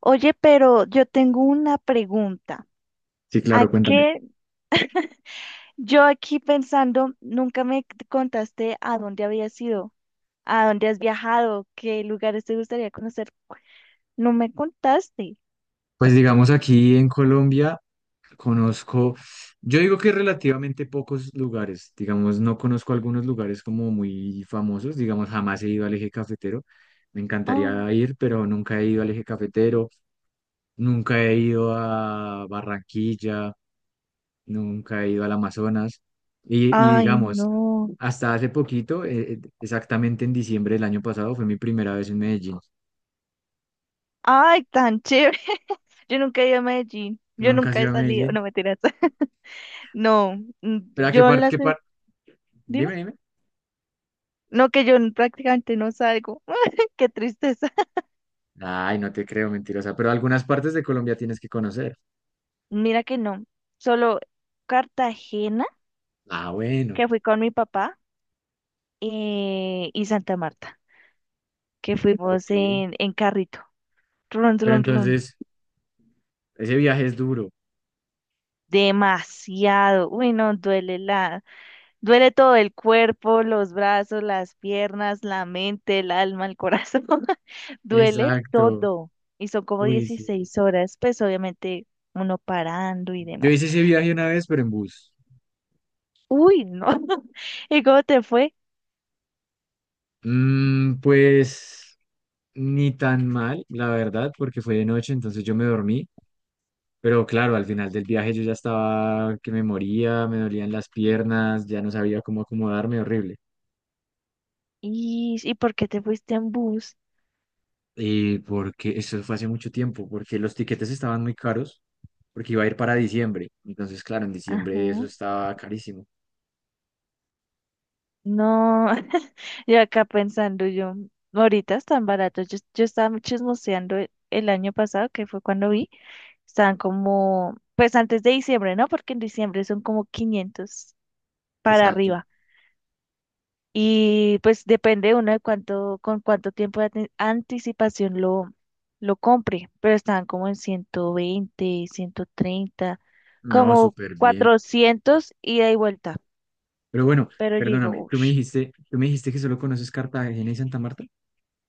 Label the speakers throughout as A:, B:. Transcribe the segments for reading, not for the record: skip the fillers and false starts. A: Oye, pero yo tengo una pregunta.
B: Sí,
A: ¿A
B: claro, cuéntame.
A: qué? Yo aquí pensando, nunca contaste a dónde habías ido, a dónde has viajado, qué lugares te gustaría conocer. No me contaste.
B: Pues digamos aquí en Colombia conozco, yo digo que relativamente pocos lugares, digamos, no conozco algunos lugares como muy famosos, digamos, jamás he ido al Eje Cafetero, me
A: Oh,
B: encantaría ir, pero nunca he ido al Eje Cafetero, nunca he ido a Barranquilla, nunca he ido al Amazonas y
A: ay,
B: digamos,
A: no.
B: hasta hace poquito, exactamente en diciembre del año pasado, fue mi primera vez en Medellín.
A: Ay, tan chévere. Yo nunca he ido a Medellín. Yo
B: Nunca he
A: nunca
B: ido
A: he
B: a
A: salido.
B: Medellín,
A: No, mentiras. No,
B: pero ¿a qué
A: yo
B: parte,
A: las...
B: qué
A: de-
B: parte?
A: Dime.
B: Dime, dime.
A: No, que yo prácticamente no salgo. Qué tristeza.
B: Ay, no te creo, mentirosa. Pero algunas partes de Colombia tienes que conocer.
A: Mira que no. Solo Cartagena,
B: Ah, bueno,
A: que fui con mi papá, y Santa Marta, que fuimos
B: ok.
A: en carrito. Run,
B: Pero
A: run, run.
B: entonces, ese viaje es duro.
A: Demasiado. Uy, no, duele todo el cuerpo, los brazos, las piernas, la mente, el alma, el corazón. Duele
B: Exacto.
A: todo. Y son como
B: Uy, sí.
A: 16 horas, pues obviamente uno parando y
B: Yo
A: demás.
B: hice ese viaje una vez, pero en bus.
A: Uy, no. ¿Y cómo te fue?
B: Mm, pues ni tan mal, la verdad, porque fue de noche, entonces yo me dormí. Pero claro, al final del viaje yo ya estaba que me moría, me dolían las piernas, ya no sabía cómo acomodarme, horrible.
A: ¿Y por qué te fuiste en bus?
B: Porque eso fue hace mucho tiempo, porque los tiquetes estaban muy caros, porque iba a ir para diciembre. Entonces, claro, en diciembre eso
A: Ajá.
B: estaba carísimo.
A: No, yo acá pensando yo, ahorita están baratos. Yo estaba chismoseando el año pasado, que fue cuando vi, estaban como, pues antes de diciembre, ¿no? Porque en diciembre son como 500 para
B: Exacto.
A: arriba. Y pues depende uno de cuánto, con cuánto tiempo de anticipación lo compre, pero estaban como en 120 130
B: No,
A: como
B: súper bien.
A: 400 ida y vuelta.
B: Pero bueno,
A: Pero yo digo,
B: perdóname,
A: uff,
B: tú me dijiste que solo conoces Cartagena y Santa Marta.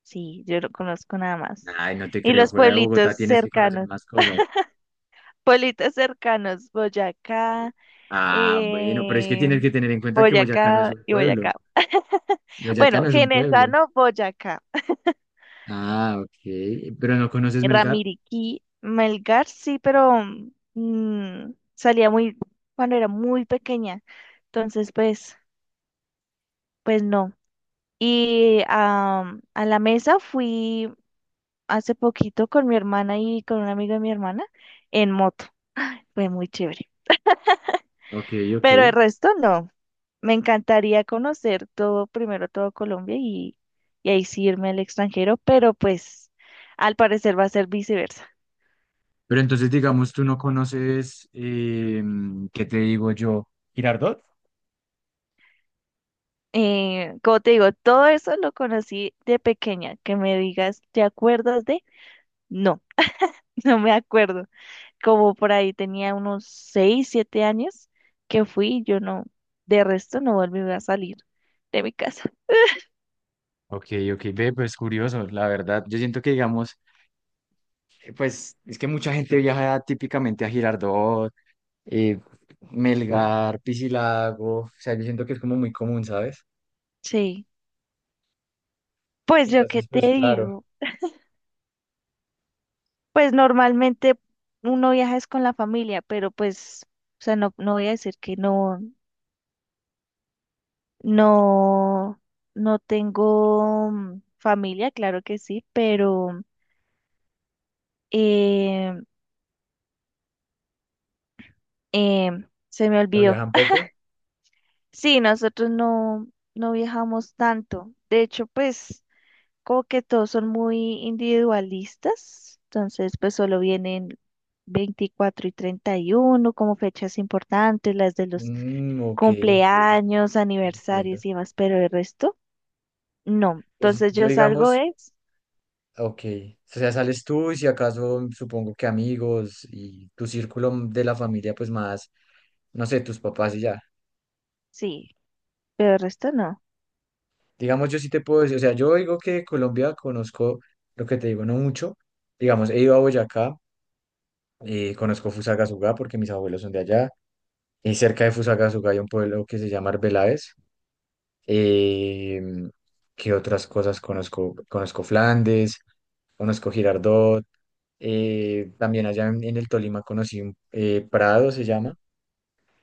A: sí, yo no conozco nada más.
B: Ay, no te
A: Y
B: creo,
A: los
B: fuera de Bogotá tienes que conocer más cosas.
A: pueblitos cercanos,
B: Como...
A: Boyacá,
B: Ah, bueno, pero es que
A: eh,
B: tienes que tener en cuenta que Boyacá no es
A: Boyacá
B: un
A: y
B: pueblo.
A: Boyacá.
B: Boyacá
A: Bueno,
B: no es un pueblo.
A: Genesano, Boyacá.
B: Ah, ok. Pero no conoces Melgar.
A: Ramiriquí, Melgar, sí, pero salía muy, cuando era muy pequeña. Entonces, pues, pues no. Y a la mesa fui hace poquito con mi hermana y con un amigo de mi hermana en moto. Fue muy chévere.
B: Ok, ok.
A: Pero el resto no. Me encantaría conocer todo, primero todo Colombia y ahí sí irme al extranjero, pero pues al parecer va a ser viceversa.
B: Pero entonces, digamos, tú no conoces, ¿qué te digo yo? Girardot.
A: Como te digo, todo eso lo conocí de pequeña. Que me digas, ¿te acuerdas de? No, no me acuerdo. Como por ahí tenía unos 6, 7 años que fui, yo no, de resto no volví a salir de mi casa.
B: Ok, ok, ve, pues curioso, la verdad. Yo siento que, digamos, pues es que mucha gente viaja típicamente a Girardot, eh, Melgar, Piscilago, o sea, yo siento que es como muy común, ¿sabes?
A: Sí, pues yo qué
B: Entonces,
A: te
B: pues claro,
A: digo, pues normalmente uno viaja es con la familia, pero pues, o sea, no, no voy a decir que no, No, no tengo familia, claro que sí, pero eh, eh, se me
B: ¿lo
A: olvidó.
B: viajan poco?
A: Sí, nosotros no viajamos tanto. De hecho, pues como que todos son muy individualistas, entonces pues solo vienen 24 y 31 como fechas importantes, las de los
B: Mm, ok, ok,
A: cumpleaños,
B: entiendo.
A: aniversarios y demás, pero el resto no.
B: Pues
A: Entonces
B: yo,
A: yo salgo
B: digamos,
A: es,
B: ok, o sea, sales tú y si acaso, supongo que amigos y tu círculo de la familia, pues más no sé, tus papás y ya.
A: sí, pero el resto no.
B: Digamos, yo sí te puedo decir, o sea, yo digo que Colombia conozco, lo que te digo, no mucho. Digamos, he ido a Boyacá, conozco Fusagasugá porque mis abuelos son de allá, y cerca de Fusagasugá hay un pueblo que se llama Arbeláez. Eh, ¿Qué otras cosas conozco? Conozco Flandes, conozco Girardot, también allá en el Tolima conocí un Prado, se llama.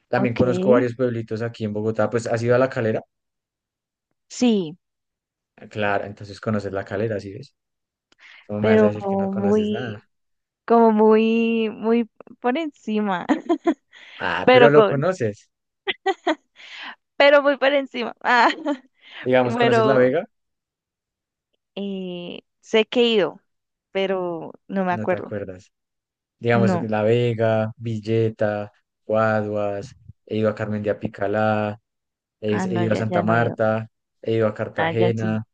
B: También conozco
A: Okay,
B: varios pueblitos aquí en Bogotá, pues has ido a La Calera,
A: sí,
B: claro, entonces conoces La Calera, ¿sí ves? ¿Cómo me vas a
A: pero
B: decir que no conoces nada?
A: muy, como muy, muy por encima,
B: Ah, pero
A: pero
B: lo
A: con,
B: conoces.
A: pero muy por encima. Ah,
B: Digamos, ¿conoces La
A: pero
B: Vega?
A: sé que he ido, pero no me
B: No te
A: acuerdo.
B: acuerdas. Digamos
A: No,
B: que La Vega, Villeta, Guaduas, he ido a Carmen de Apicalá,
A: ah,
B: he
A: no,
B: ido a
A: ya,
B: Santa
A: ya no he ido.
B: Marta, he ido a
A: Allá sí,
B: Cartagena.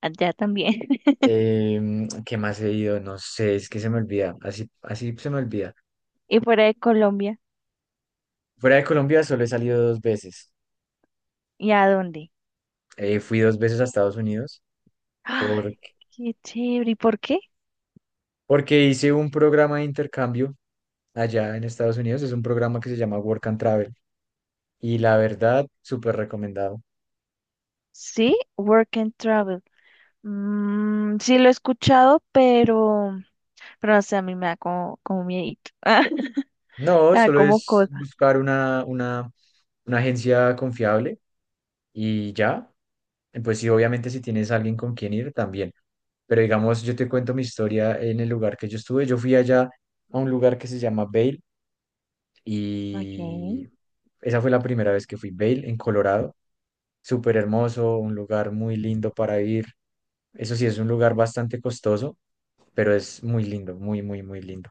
A: allá también.
B: ¿Qué más he ido? No sé, es que se me olvida. Así, así se me olvida.
A: ¿Y fuera de Colombia?
B: Fuera de Colombia solo he salido dos veces.
A: ¿Y a dónde?
B: Fui dos veces a Estados Unidos
A: Ay,
B: porque,
A: qué chévere. ¿Y por qué?
B: porque hice un programa de intercambio allá en Estados Unidos. Es un programa que se llama Work and Travel. Y la verdad, súper recomendado.
A: Sí, Work and Travel. Mm, sí lo he escuchado, pero no sé, a mí me da como, como miedito.
B: No,
A: Me da
B: solo
A: como
B: es
A: cosa.
B: buscar una agencia confiable y ya. Pues sí, obviamente si tienes alguien con quien ir, también. Pero digamos, yo te cuento mi historia en el lugar que yo estuve. Yo fui allá a un lugar que se llama Vail
A: Ok.
B: y esa fue la primera vez que fui. Vail, en Colorado. Súper hermoso, un lugar muy lindo para ir. Eso sí, es un lugar bastante costoso, pero es muy lindo, muy, muy, muy lindo.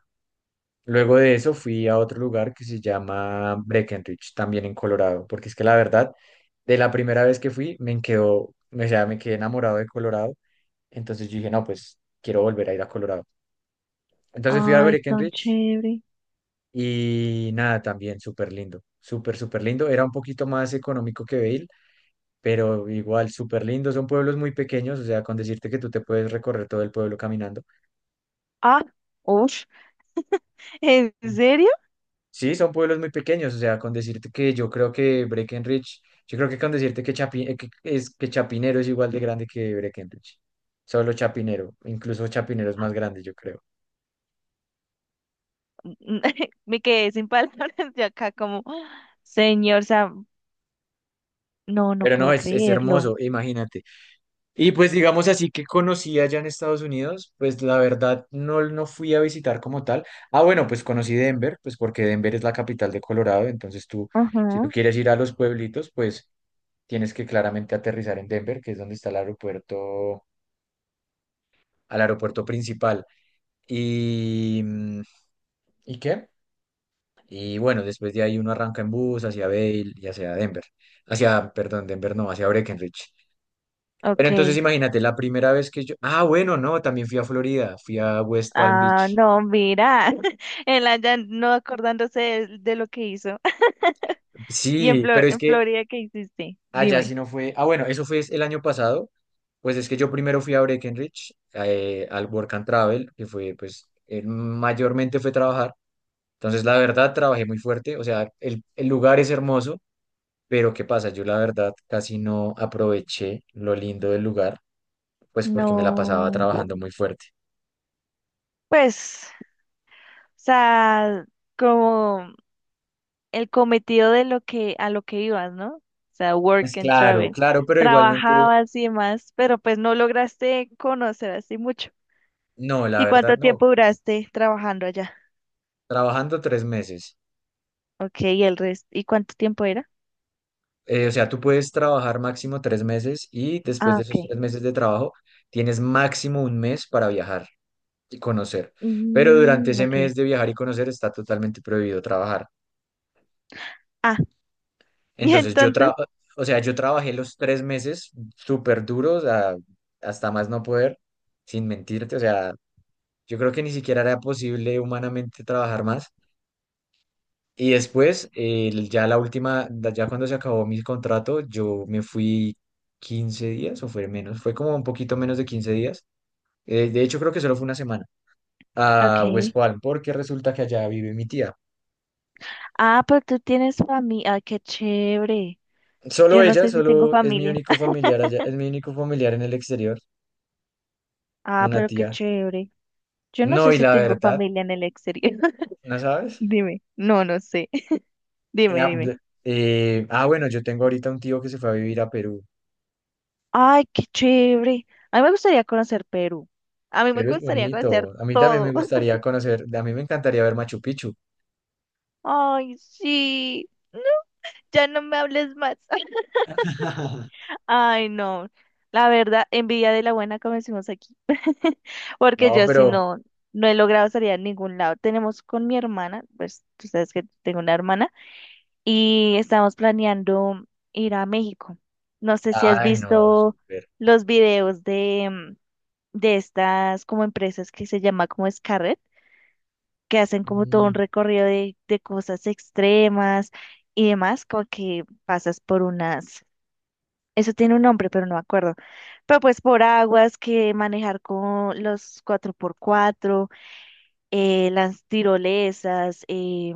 B: Luego de eso fui a otro lugar que se llama Breckenridge, también en Colorado, porque es que la verdad, de la primera vez que fui, me quedó, o sea, me quedé enamorado de Colorado, entonces yo dije, no, pues quiero volver a ir a Colorado. Entonces fui a
A: Ay, tan
B: Breckenridge
A: chévere.
B: y nada, también súper lindo, súper, súper lindo. Era un poquito más económico que Vail, pero igual súper lindo. Son pueblos muy pequeños, o sea, con decirte que tú te puedes recorrer todo el pueblo caminando.
A: Ah, uff. ¿En serio?
B: Sí, son pueblos muy pequeños, o sea, con decirte que yo creo que Breckenridge, yo creo que con decirte que, que Chapinero es igual de grande que Breckenridge, solo Chapinero, incluso Chapinero es más grande, yo creo.
A: Me quedé sin palabras de acá como, señor Sam. No, no
B: Pero no,
A: puedo
B: es
A: creerlo.
B: hermoso, imagínate. Y pues digamos así que conocí allá en Estados Unidos, pues la verdad no, no fui a visitar como tal. Ah, bueno, pues conocí Denver, pues porque Denver es la capital de Colorado, entonces tú, si tú
A: Ajá.
B: quieres ir a los pueblitos, pues tienes que claramente aterrizar en Denver, que es donde está el aeropuerto al aeropuerto principal. Y, mm, ¿y qué? Y bueno, después de ahí uno arranca en bus hacia Vail y hacia Denver. Hacia, perdón, Denver no, hacia Breckenridge. Pero
A: Ok.
B: entonces imagínate, la primera vez que yo... Ah, bueno, no, también fui a Florida, fui a West Palm
A: Ah,
B: Beach.
A: no, mira. El ya no acordándose de lo que hizo. ¿Y en,
B: Sí,
A: Flor-
B: pero es
A: en
B: que
A: Florida qué hiciste?
B: allá
A: Dime.
B: sí no fue... Ah, bueno, eso fue el año pasado. Pues es que yo primero fui a Breckenridge, al Work and Travel, que fue, pues, mayormente fue trabajar. Entonces, la verdad, trabajé muy fuerte. O sea, el lugar es hermoso. Pero ¿qué pasa? Yo la verdad casi no aproveché lo lindo del lugar, pues porque me la pasaba
A: No.
B: trabajando muy fuerte.
A: Pues, o sea, como. El cometido de lo que a lo que ibas, ¿no? O sea,
B: Pues
A: work and
B: claro,
A: travel.
B: claro, pero igualmente,
A: Trabajabas y demás, pero pues no lograste conocer así mucho.
B: no, la
A: ¿Y
B: verdad
A: cuánto
B: no.
A: tiempo duraste trabajando allá?
B: Trabajando 3 meses.
A: Ok, y el resto, ¿y cuánto tiempo era?
B: O sea, tú puedes trabajar máximo 3 meses y después
A: Ah,
B: de
A: ok.
B: esos 3 meses de trabajo tienes máximo un mes para viajar y conocer. Pero durante
A: Mm,
B: ese
A: ok.
B: mes de viajar y conocer está totalmente prohibido trabajar.
A: Ah, y
B: Entonces yo
A: entonces,
B: tra- o sea, yo trabajé los 3 meses súper duros a- hasta más no poder, sin mentirte. O sea, yo creo que ni siquiera era posible humanamente trabajar más. Y después, ya la última, ya cuando se acabó mi contrato, yo me fui 15 días o fue menos, fue como un poquito menos de 15 días. De hecho, creo que solo fue una semana a West
A: ok.
B: Palm, porque resulta que allá vive mi tía.
A: Ah, pero tú tienes familia. Ah, qué chévere.
B: Solo
A: Yo no
B: ella,
A: sé si tengo
B: solo es mi
A: familia.
B: único familiar allá, es mi único familiar en el exterior,
A: Ah,
B: una
A: pero qué
B: tía.
A: chévere. Yo no
B: No,
A: sé
B: y
A: si
B: la
A: tengo
B: verdad,
A: familia en el exterior.
B: ¿no sabes?
A: Dime. No, no sé.
B: Eh,
A: Dime,
B: ah,
A: dime.
B: b- bueno, yo tengo ahorita un tío que se fue a vivir a Perú.
A: Ay, qué chévere. A mí me gustaría conocer Perú. A mí me
B: Perú es
A: gustaría conocer
B: bonito. A mí también me
A: todo.
B: gustaría conocer, a mí me encantaría ver Machu Picchu.
A: Ay, sí. No, ya no me hables más. Ay, no. La verdad, envidia de la buena, como decimos aquí. Porque
B: No,
A: yo si
B: pero,
A: no, no he logrado salir a ningún lado. Tenemos con mi hermana, pues tú sabes que tengo una hermana, y estamos planeando ir a México. No sé si has
B: ay, no,
A: visto
B: súper.
A: los videos de, estas como empresas que se llama como Scarrett, que hacen como todo un
B: Mm,
A: recorrido de cosas extremas y demás, como que pasas por unas, eso tiene un nombre, pero no me acuerdo, pero pues por aguas que manejar con los cuatro por cuatro las tirolesas,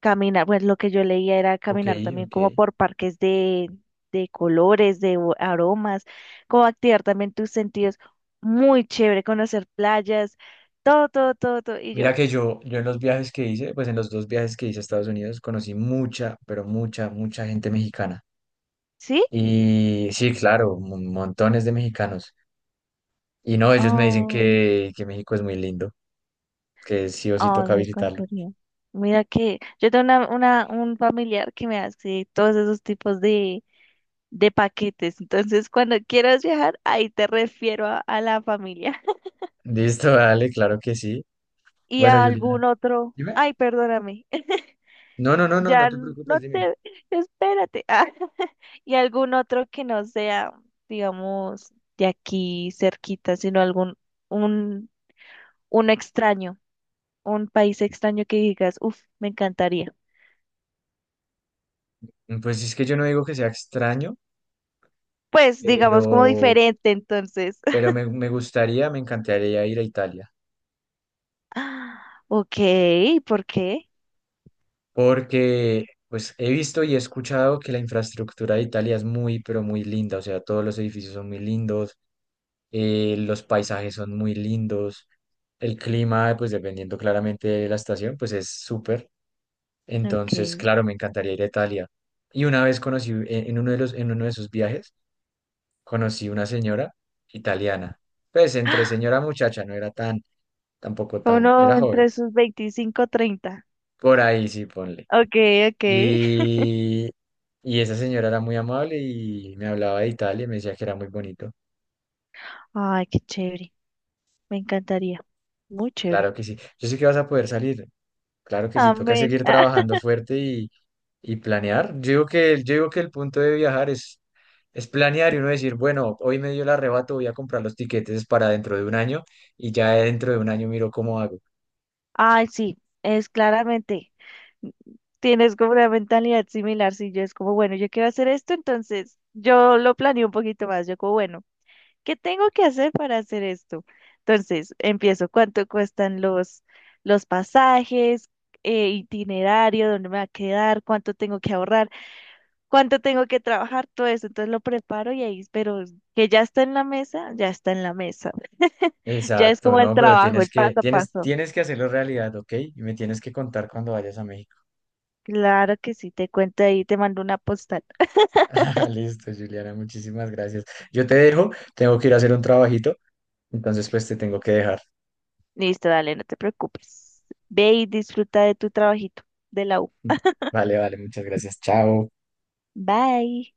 A: caminar, pues lo que yo leía era
B: ok,
A: caminar también
B: ok.
A: como por parques de colores, de aromas, como activar también tus sentidos. Muy chévere conocer playas, todo, todo, todo, todo. Y
B: Mira
A: yo,
B: que yo en los viajes que hice, pues en los dos viajes que hice a Estados Unidos, conocí mucha, pero mucha, mucha gente mexicana.
A: ¿sí?
B: Y sí, claro, mon- montones de mexicanos. Y no, ellos me dicen
A: Ay,
B: que México es muy lindo, que sí o sí
A: ay,
B: toca
A: me
B: visitarlo.
A: encantaría. Mira que yo tengo un familiar que me hace todos esos tipos de paquetes. Entonces, cuando quieras viajar, ahí te refiero a la familia.
B: Listo, dale, claro que sí.
A: Y
B: Bueno,
A: a
B: Juliana.
A: algún otro,
B: Dime.
A: ay, perdóname,
B: No, no, no, no, no
A: ya
B: te preocupes,
A: no
B: dime.
A: te, espérate. Ah, y algún otro que no sea, digamos, de aquí cerquita, sino algún, un, un extraño, un país extraño que digas, uff, me encantaría.
B: Pues es que yo no digo que sea extraño,
A: Pues, digamos, como
B: pero,
A: diferente, entonces.
B: pero me gustaría, me encantaría ir a Italia,
A: Ah, ok, ¿por qué?
B: porque pues he visto y he escuchado que la infraestructura de Italia es muy, pero muy linda, o sea, todos los edificios son muy lindos, los paisajes son muy lindos, el clima, pues dependiendo claramente de la estación, pues es súper.
A: Ok.
B: Entonces, claro, me encantaría ir a Italia. Y una vez conocí, en uno de los, en uno de esos viajes, conocí una señora italiana. Pues entre señora muchacha, no era tan, tampoco tan,
A: Uno
B: era joven.
A: entre sus 25, 30
B: Por ahí sí, ponle.
A: ok, ok.
B: Y, y esa señora era muy amable y me hablaba de Italia y me decía que era muy bonito.
A: Ay, qué chévere. Me encantaría. Muy chévere.
B: Claro que sí. Yo sé que vas a poder salir. Claro que sí, toca
A: Amén.
B: seguir trabajando fuerte y planear. Yo digo que, el- yo digo que el punto de viajar es planear y uno decir, bueno, hoy me dio el arrebato, voy a comprar los tiquetes para dentro de un año y ya dentro de un año miro cómo hago.
A: Ay, sí, es claramente, mm, tienes como una mentalidad similar. Sí, yo es como, bueno, yo quiero hacer esto, entonces yo lo planeo un poquito más, yo como, bueno, ¿qué tengo que hacer para hacer esto? Entonces empiezo, ¿cuánto cuestan los pasajes, itinerario, dónde me va a quedar, cuánto tengo que ahorrar, cuánto tengo que trabajar, todo eso, entonces lo preparo y ahí, pero que ya está en la mesa, ya está en la mesa, ya es
B: Exacto,
A: como el
B: no, pero
A: trabajo,
B: tienes
A: el
B: que,
A: paso a
B: tienes,
A: paso.
B: tienes que hacerlo realidad, ¿ok? Y me tienes que contar cuando vayas a México.
A: Claro que sí, te cuento ahí, te mando una postal.
B: Ah, listo, Juliana, muchísimas gracias. Yo te dejo, tengo que ir a hacer un trabajito, entonces pues te tengo que dejar.
A: Listo, dale, no te preocupes. Ve y disfruta de tu trabajito de la U.
B: Vale, vale, muchas gracias. Chao.
A: Bye.